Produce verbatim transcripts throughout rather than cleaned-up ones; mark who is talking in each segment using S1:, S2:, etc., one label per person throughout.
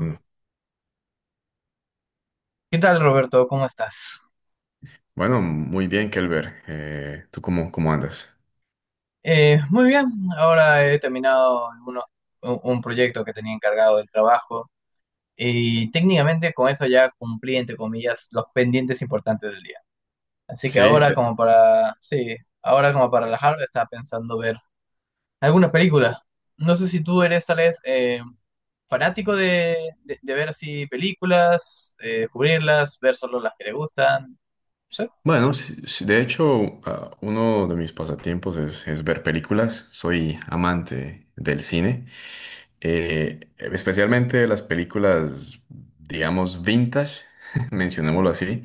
S1: Mm.
S2: ¿Qué tal, Roberto? ¿Cómo estás?
S1: Bueno, muy bien, Kelber. Eh, ¿tú cómo, cómo andas?
S2: Eh, muy bien, ahora he terminado algunos- un, un proyecto que tenía encargado del trabajo y técnicamente con eso ya cumplí, entre comillas, los pendientes importantes del día. Así que
S1: Sí,
S2: ahora
S1: de-
S2: como para, sí, ahora como para relajarme, estaba pensando ver alguna película. No sé si tú eres tal vez eh, fanático de, de- de ver así películas, eh, descubrirlas, ver solo las que te gustan.
S1: bueno, sí- sí, de hecho, ah, uno de mis pasatiempos es, es ver películas. Soy amante del cine. Eh, especialmente las películas, digamos, vintage, mencionémoslo así,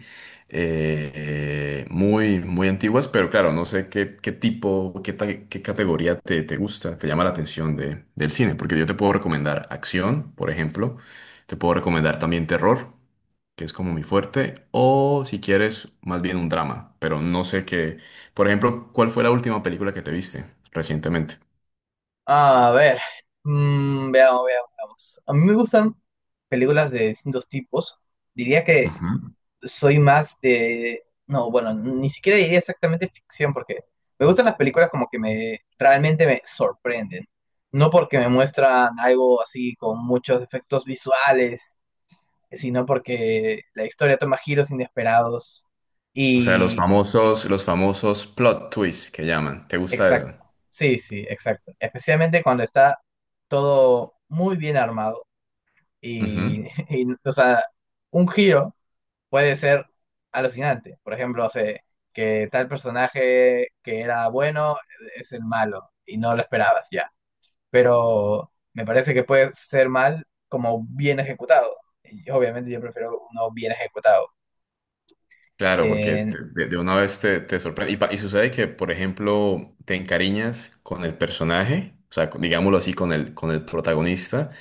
S1: eh, muy, muy antiguas, pero claro, no sé qué, qué tipo, qué, ta- qué categoría te, te gusta, te llama la atención de- del cine, porque yo te puedo recomendar acción, por ejemplo, te puedo recomendar también terror, que es como mi fuerte, o si quieres, más bien un drama, pero no sé qué, por ejemplo, ¿cuál fue la última película que te viste recientemente?
S2: A ver, mm, veamos, veamos, veamos. A mí me gustan películas de distintos tipos. Diría que soy más de. No, bueno, ni siquiera diría exactamente ficción porque me gustan las películas como que me realmente me sorprenden. No porque me muestran algo así con muchos efectos visuales, sino porque la historia toma giros inesperados
S1: O sea, los
S2: y.
S1: famosos, los famosos plot twists que llaman. ¿Te gusta eso?
S2: Exacto. Sí, sí, exacto. Especialmente cuando está todo muy bien armado.
S1: Ujú.
S2: Y, y, o sea, un giro puede ser alucinante. Por ejemplo, o sea, que tal personaje que era bueno es el malo y no lo esperabas ya. Pero me parece que puede ser mal como bien ejecutado. Y obviamente yo prefiero uno bien ejecutado.
S1: Claro, porque
S2: Eh,
S1: te- de, de una vez te, te sorprende. Y, pa- y sucede que, por ejemplo, te encariñas con el personaje, o sea, con- digámoslo así, con el, con el protagonista,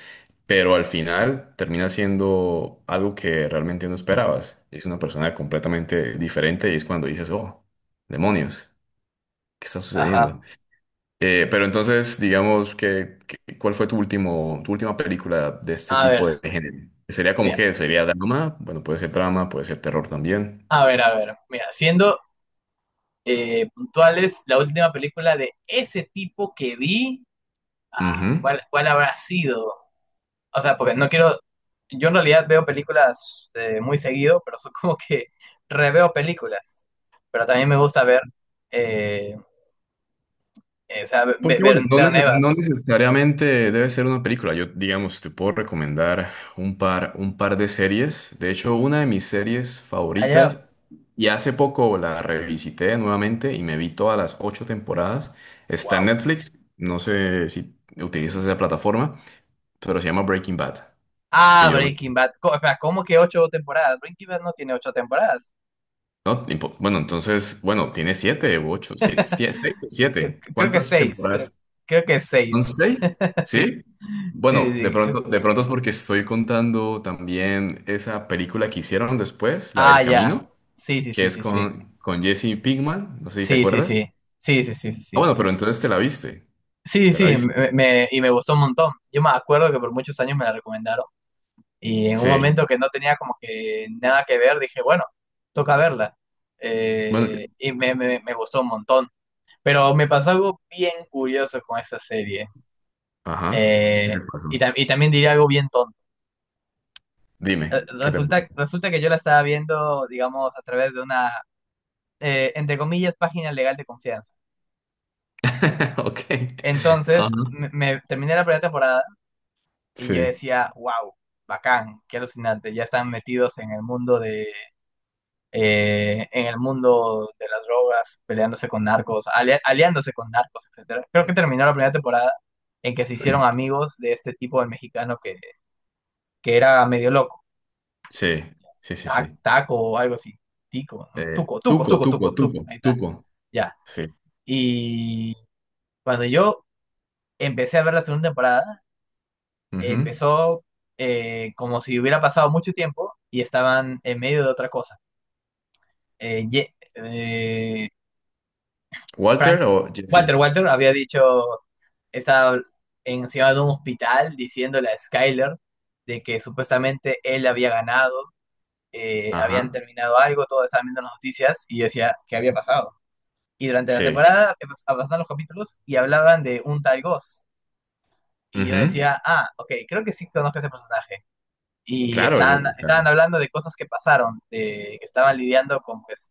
S1: pero al final termina siendo algo que realmente no esperabas. Es una persona completamente diferente y es cuando dices, oh, demonios, ¿qué está sucediendo?
S2: ajá.
S1: Eh, pero entonces, digamos que, que- ¿cuál fue tu último, tu última película de este
S2: A ver,
S1: tipo de género? ¿Sería como
S2: mira,
S1: qué? ¿Sería drama? Bueno, puede ser drama, puede ser terror también.
S2: a ver, a ver. Mira, siendo eh, puntuales, la última película de ese tipo que vi, ah,
S1: Ujú.
S2: ¿cuál, cuál habrá sido? O sea, porque no quiero, yo en realidad veo películas eh, muy seguido, pero son como que reveo películas. Pero también me gusta ver, eh, eh, o sea, ve- ve-
S1: Porque
S2: ver,
S1: bueno, no,
S2: ver
S1: neces- no
S2: nuevas.
S1: necesariamente debe ser una película. Yo, digamos, te puedo recomendar un par, un par de series. De hecho, una de mis series
S2: Allá,
S1: favoritas, y hace poco la revisité nuevamente y me vi todas las ocho temporadas. Está en
S2: wow.
S1: Netflix. No sé si utilizas esa plataforma, pero se llama Breaking Bad. Que
S2: Ah,
S1: yo,
S2: Breaking Bad. Co- espera, ¿cómo que ocho temporadas? Breaking Bad no tiene ocho temporadas.
S1: no, ni bueno, entonces, bueno, tiene siete u ocho, si- siete, seis o
S2: Cre-
S1: siete.
S2: Creo que
S1: ¿Cuántas
S2: seis, creo,
S1: temporadas?
S2: creo que
S1: ¿Son
S2: seis.
S1: seis?
S2: Sí,
S1: ¿Sí?
S2: sí, sí,
S1: Bueno, de
S2: sí. creo-
S1: pronto, de pronto es porque estoy contando también esa película que hicieron después, la
S2: Ah,
S1: del
S2: ya.
S1: Camino,
S2: Sí, sí,
S1: que
S2: sí,
S1: es
S2: sí, sí.
S1: con, con Jesse Pinkman, no sé si te
S2: Sí, sí,
S1: acuerdas.
S2: sí. Sí, sí, sí, sí.
S1: Ah,
S2: Sí.
S1: bueno, pero entonces te la viste,
S2: Sí,
S1: te la
S2: sí,
S1: viste.
S2: me, me- y me gustó un montón. Yo me acuerdo que por muchos años me la recomendaron y en un
S1: Sí.
S2: momento que no tenía como que nada que ver, dije, bueno, toca verla.
S1: Bueno,
S2: Eh, y me, me- me gustó un montón. Pero me pasó algo bien curioso con esa serie.
S1: ajá. ¿Qué
S2: Eh,
S1: te
S2: y,
S1: pasó?
S2: tam- y también diría algo bien tonto. Eh,
S1: Dime, ¿qué te pasó?
S2: Resulta, resulta que yo la estaba viendo, digamos, a través de una, eh, entre comillas, página legal de confianza.
S1: Ok. Ajá.
S2: Entonces, me, me- terminé la primera temporada. Y yo
S1: Sí,
S2: decía, wow, bacán, qué alucinante, ya están metidos en el mundo de, eh, en el mundo de las drogas, peleándose con narcos, ali- aliándose con narcos, etcétera. Creo que terminó la primera temporada en que se hicieron amigos de este tipo del mexicano que, que era medio loco.
S1: sí, sí, sí,
S2: Ta-
S1: sí.
S2: taco o algo así, tico,
S1: Eh,
S2: tuco, tuco,
S1: Tuco,
S2: tuco, tuco,
S1: Tuco,
S2: tuco,
S1: Tuco,
S2: ahí está,
S1: Tuco.
S2: ya.
S1: Sí.
S2: Y cuando yo empecé a ver la segunda temporada,
S1: Ujú.
S2: empezó eh, como si hubiera pasado mucho tiempo y estaban en medio de otra cosa eh, Ye- eh,
S1: Walter
S2: Frank,
S1: o Jesse.
S2: Walter, Walter había dicho, estaba encima de un hospital diciéndole a Skyler de que supuestamente él había ganado, eh, habían
S1: Ajá.
S2: terminado algo, todos estaban viendo las noticias y yo decía, ¿qué había pasado? Y durante la
S1: Sí.
S2: temporada empe- avanzaban los capítulos y hablaban de un tal Ghost. Y yo
S1: Ujú.
S2: decía, ah, ok, creo que sí conozco a ese personaje. Y
S1: Claro,
S2: estaban,
S1: yo, claro.
S2: estaban hablando de cosas que pasaron, de que estaban lidiando con pues,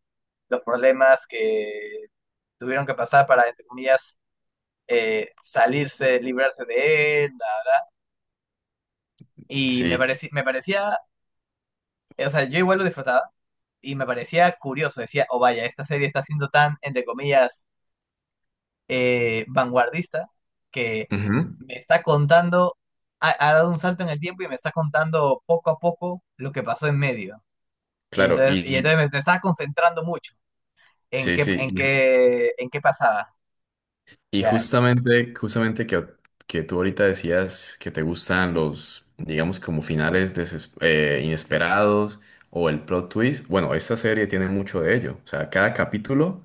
S2: los problemas que tuvieron que pasar para, entre comillas, eh, salirse, librarse de él. Y me,
S1: Sí.
S2: parecía me parecía, o sea, yo igual lo disfrutaba y me parecía curioso. Decía, oh vaya, esta serie está siendo tan, entre comillas, eh, vanguardista que
S1: Ujú.
S2: me está contando, ha, ha, dado un salto en el tiempo y me está contando poco a poco lo que pasó en medio. Y
S1: Claro. Y,
S2: entonces, y
S1: y-
S2: entonces me, me estaba concentrando mucho en
S1: sí,
S2: qué,
S1: sí.
S2: en
S1: Y,
S2: qué, en qué pasaba.
S1: y
S2: Ya,
S1: justamente, justamente que, que tú ahorita decías que te gustan los, digamos, como finales deses- eh, inesperados o el plot twist. Bueno, esta serie tiene mucho de ello. O sea, cada capítulo.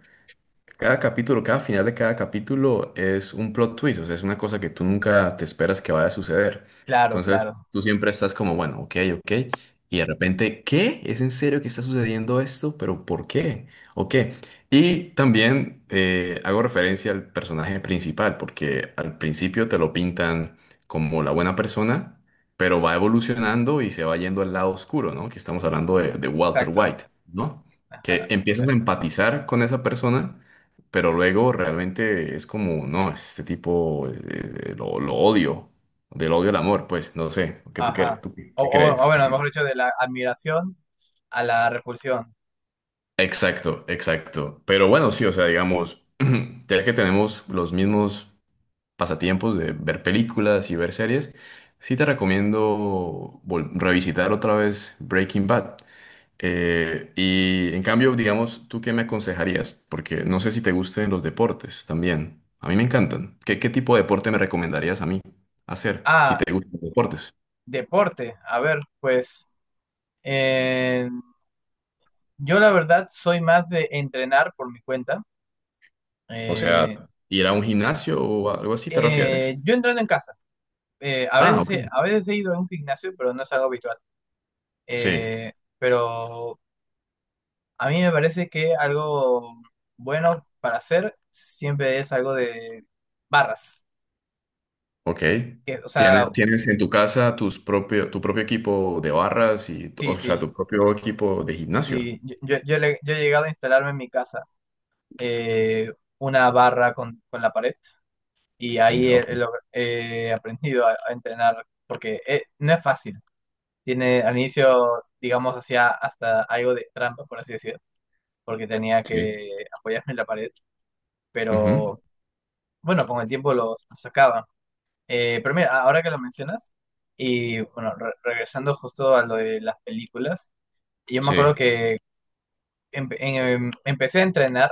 S1: Cada capítulo, cada final de cada capítulo es un plot twist, o sea, es una cosa que tú nunca te esperas que vaya a suceder.
S2: claro,
S1: Entonces,
S2: claro,
S1: tú siempre estás como, bueno, ok, ok, y de repente, ¿qué? ¿Es en serio que está sucediendo esto? ¿Pero por qué? ¿O qué? Y también eh, hago referencia al personaje principal, porque al principio te lo pintan como la buena persona, pero va evolucionando y se va yendo al lado oscuro, ¿no? Que estamos hablando de, de Walter
S2: exacto.
S1: White, ¿no? Que
S2: Ajá.
S1: empiezas a empatizar con esa persona, pero luego realmente es como, no, este tipo eh, eh, lo, lo odio, del odio al amor, pues, no sé, ¿qué tú, qué,
S2: Ajá.
S1: tú qué
S2: O, o- o
S1: crees? ¿Qué
S2: bueno, mejor
S1: pi-
S2: dicho, de la admiración a la repulsión.
S1: Exacto, exacto. Pero bueno, sí, o sea, digamos, ya que tenemos los mismos pasatiempos de ver películas y ver series, sí te recomiendo vol- revisitar otra vez Breaking Bad. Eh, y en cambio, digamos, ¿tú qué me aconsejarías? Porque no sé si te gusten los deportes también. A mí me encantan. ¿Qué, qué tipo de deporte me recomendarías a mí hacer si
S2: Ah,
S1: te gustan los deportes?
S2: deporte. A ver, pues eh, yo la verdad soy más de entrenar por mi cuenta.
S1: O sea,
S2: Eh,
S1: ¿ir a un gimnasio o algo así te
S2: eh,
S1: refieres?
S2: yo entreno en casa. Eh, a
S1: Ah,
S2: veces
S1: ok.
S2: he, a veces he ido a un gimnasio, pero no es algo habitual.
S1: Sí.
S2: Eh, pero a mí me parece que algo bueno para hacer siempre es algo de barras.
S1: Ok.
S2: Que, o sea,
S1: ¿Tienes, tienes en tu casa tus propio, tu propio equipo de barras y, tu-
S2: sí,
S1: o sea,
S2: sí.
S1: tu propio equipo de gimnasio?
S2: Sí, yo, yo, yo le- yo he llegado a instalarme en mi casa eh, una barra con, con la pared y
S1: En-
S2: ahí he,
S1: Ok.
S2: he log- he aprendido a, a entrenar porque eh, no es fácil. Tiene al inicio, digamos, hacía hasta algo de trampa, por así decirlo, porque tenía
S1: Sí.
S2: que apoyarme en la pared,
S1: Ujú.
S2: pero bueno, con el tiempo lo los sacaba. Eh, pero mira, ahora que lo mencionas, y bueno, re- regresando justo a lo de las películas, yo me acuerdo
S1: Sí.
S2: que empe- em- empecé a entrenar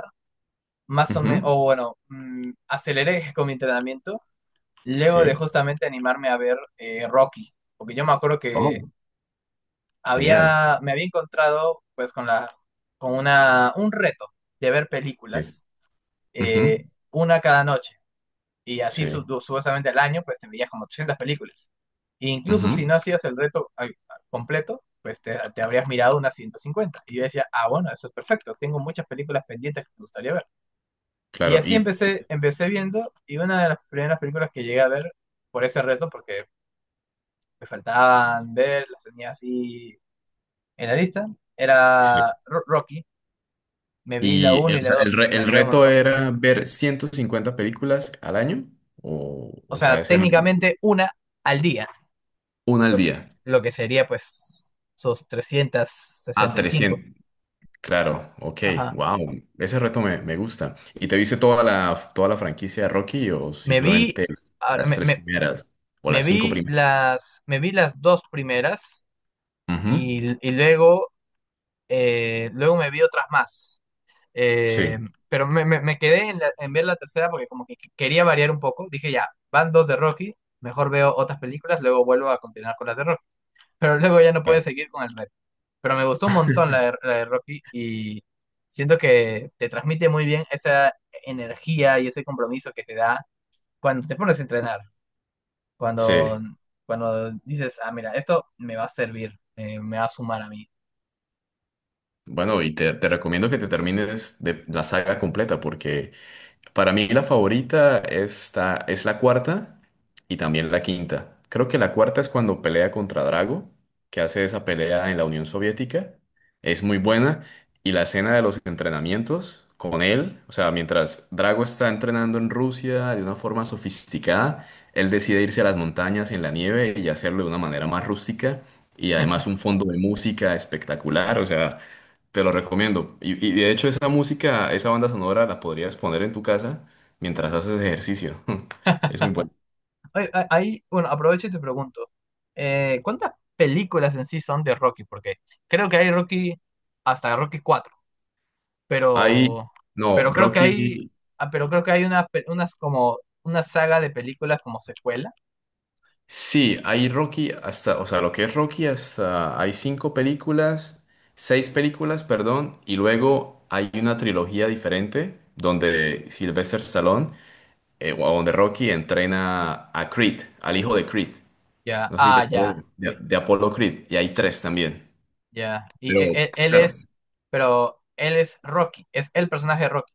S2: más o menos,
S1: Ujú.
S2: o bueno, mm, aceleré con mi entrenamiento luego de
S1: Sí.
S2: justamente animarme a ver eh, Rocky, porque yo me acuerdo que
S1: Oh, genial.
S2: había, me había encontrado pues con la, con una, un reto de ver
S1: Sí.
S2: películas,
S1: Ujú.
S2: eh, una cada noche, y así su-
S1: Sí.
S2: supuestamente al año pues te veías como trescientas películas. E incluso
S1: Ujú.
S2: si no hacías el reto al- completo, pues te, te habrías mirado unas ciento cincuenta. Y yo decía, ah, bueno, eso es perfecto, tengo muchas películas pendientes que me gustaría ver. Y
S1: Claro.
S2: así
S1: Y,
S2: empecé, empecé viendo, y una de las primeras películas que llegué a ver por ese reto, porque me faltaban ver, las tenía así en la lista,
S1: sí.
S2: era Ro- Rocky. Me vi la
S1: Y
S2: uno
S1: eh,
S2: y
S1: o
S2: la
S1: sea, el,
S2: dos y
S1: re-
S2: me
S1: el
S2: animé un
S1: reto
S2: montón.
S1: era ver ciento cincuenta películas al año, o,
S2: O
S1: o sea,
S2: sea,
S1: hacer
S2: técnicamente una al día,
S1: una al
S2: lo que,
S1: día.
S2: lo que sería pues sus trescientos
S1: A
S2: sesenta y cinco
S1: trescientos. Claro, ok,
S2: Ajá.
S1: wow, ese reto me, me gusta. ¿Y te viste toda la, toda la franquicia de Rocky o
S2: Me vi,
S1: simplemente
S2: ahora,
S1: las
S2: me,
S1: tres
S2: me-
S1: primeras o
S2: me
S1: las cinco
S2: vi
S1: primeras?
S2: las, me vi las dos primeras
S1: Ujú,
S2: y, y luego, eh, luego me vi otras más. Eh,
S1: sí,
S2: pero me, me- me quedé en, la- en ver la tercera porque como que qu- quería variar un poco. Dije, ya, van dos de Rocky, mejor veo otras películas, luego vuelvo a continuar con las de Rocky. Pero luego ya no pude
S1: claro,
S2: seguir con el reto. Pero me gustó un montón la de, la de Rocky y siento que te transmite muy bien esa energía y ese compromiso que te da cuando te pones a entrenar,
S1: sí.
S2: cuando, cuando dices, ah, mira, esto me va a servir, eh, me va a sumar a mí.
S1: Bueno, y te, te recomiendo que te termines de la saga completa, porque para mí la favorita esta, es la cuarta y también la quinta. Creo que la cuarta es cuando pelea contra Drago, que hace esa pelea en la Unión Soviética. Es muy buena. Y la escena de los entrenamientos con él, o sea, mientras Drago está entrenando en Rusia de una forma sofisticada, él decide irse a las montañas en la nieve y hacerlo de una manera más rústica. Y además un fondo de música espectacular, o sea, te lo recomiendo. Y, y de hecho esa música, esa banda sonora la podrías poner en tu casa mientras haces ejercicio. Es muy bueno.
S2: Ahí, ahí, bueno, aprovecho y te pregunto, eh, ¿cuántas películas en sí son de Rocky? Porque creo que hay Rocky hasta Rocky cuatro,
S1: Hay,
S2: pero,
S1: no,
S2: pero creo que hay,
S1: Rocky,
S2: ah, pero creo que hay una, pe- unas como una saga de películas como secuela.
S1: sí, hay Rocky hasta, o sea, lo que es Rocky hasta, hay cinco películas, seis películas, perdón, y luego hay una trilogía diferente donde Sylvester Stallone, eh, o donde Rocky entrena a Creed, al hijo de Creed.
S2: Ya,
S1: No sé si te
S2: ah,
S1: acuerdas
S2: ya,
S1: de,
S2: ok,
S1: de Apollo Creed, y hay tres también.
S2: ya. Y
S1: Pero,
S2: e- e- él,
S1: claro,
S2: es, pero él es Rocky, es el personaje de Rocky.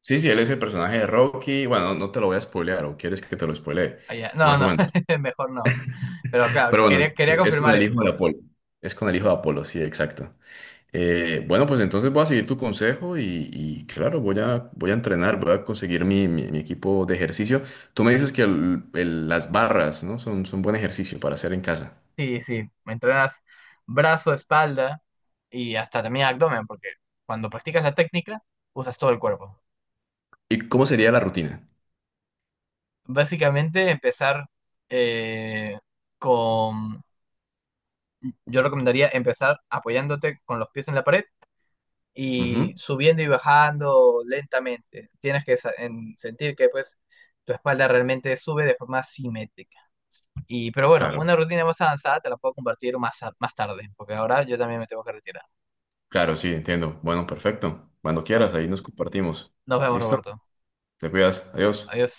S1: sí, sí, él es el personaje de Rocky. Bueno, no no te lo voy a spoilear, o quieres que te lo spoilee,
S2: Ah, ya. No,
S1: más o
S2: no,
S1: menos.
S2: mejor no. Pero claro,
S1: Pero bueno,
S2: quería, quería
S1: es, es con
S2: confirmar
S1: el
S2: eso.
S1: hijo de Apolo. Es con el hijo de Apolo, sí, exacto. Eh, bueno, pues entonces voy a seguir tu consejo y, y claro, voy a, voy a entrenar, voy a conseguir mi, mi- mi equipo de ejercicio. Tú me dices que el- el- las barras, ¿no? Son, son buen ejercicio para hacer en casa.
S2: Sí, sí, entrenas brazo, espalda y hasta también abdomen, porque cuando practicas la técnica usas todo el cuerpo.
S1: ¿Y cómo sería la rutina?
S2: Básicamente empezar eh, con, yo recomendaría empezar apoyándote con los pies en la pared
S1: Ujú,
S2: y subiendo y bajando lentamente. Tienes que sa- en- sentir que pues tu espalda realmente sube de forma simétrica. Y, pero bueno,
S1: claro,
S2: una rutina más avanzada te la puedo compartir más, a- más tarde, porque ahora yo también me tengo que retirar.
S1: claro, sí, entiendo. Bueno, perfecto. Cuando
S2: Ah,
S1: quieras, ahí nos compartimos.
S2: nos vemos,
S1: ¿Listo?
S2: Roberto.
S1: Te cuidas. Adiós.
S2: Adiós.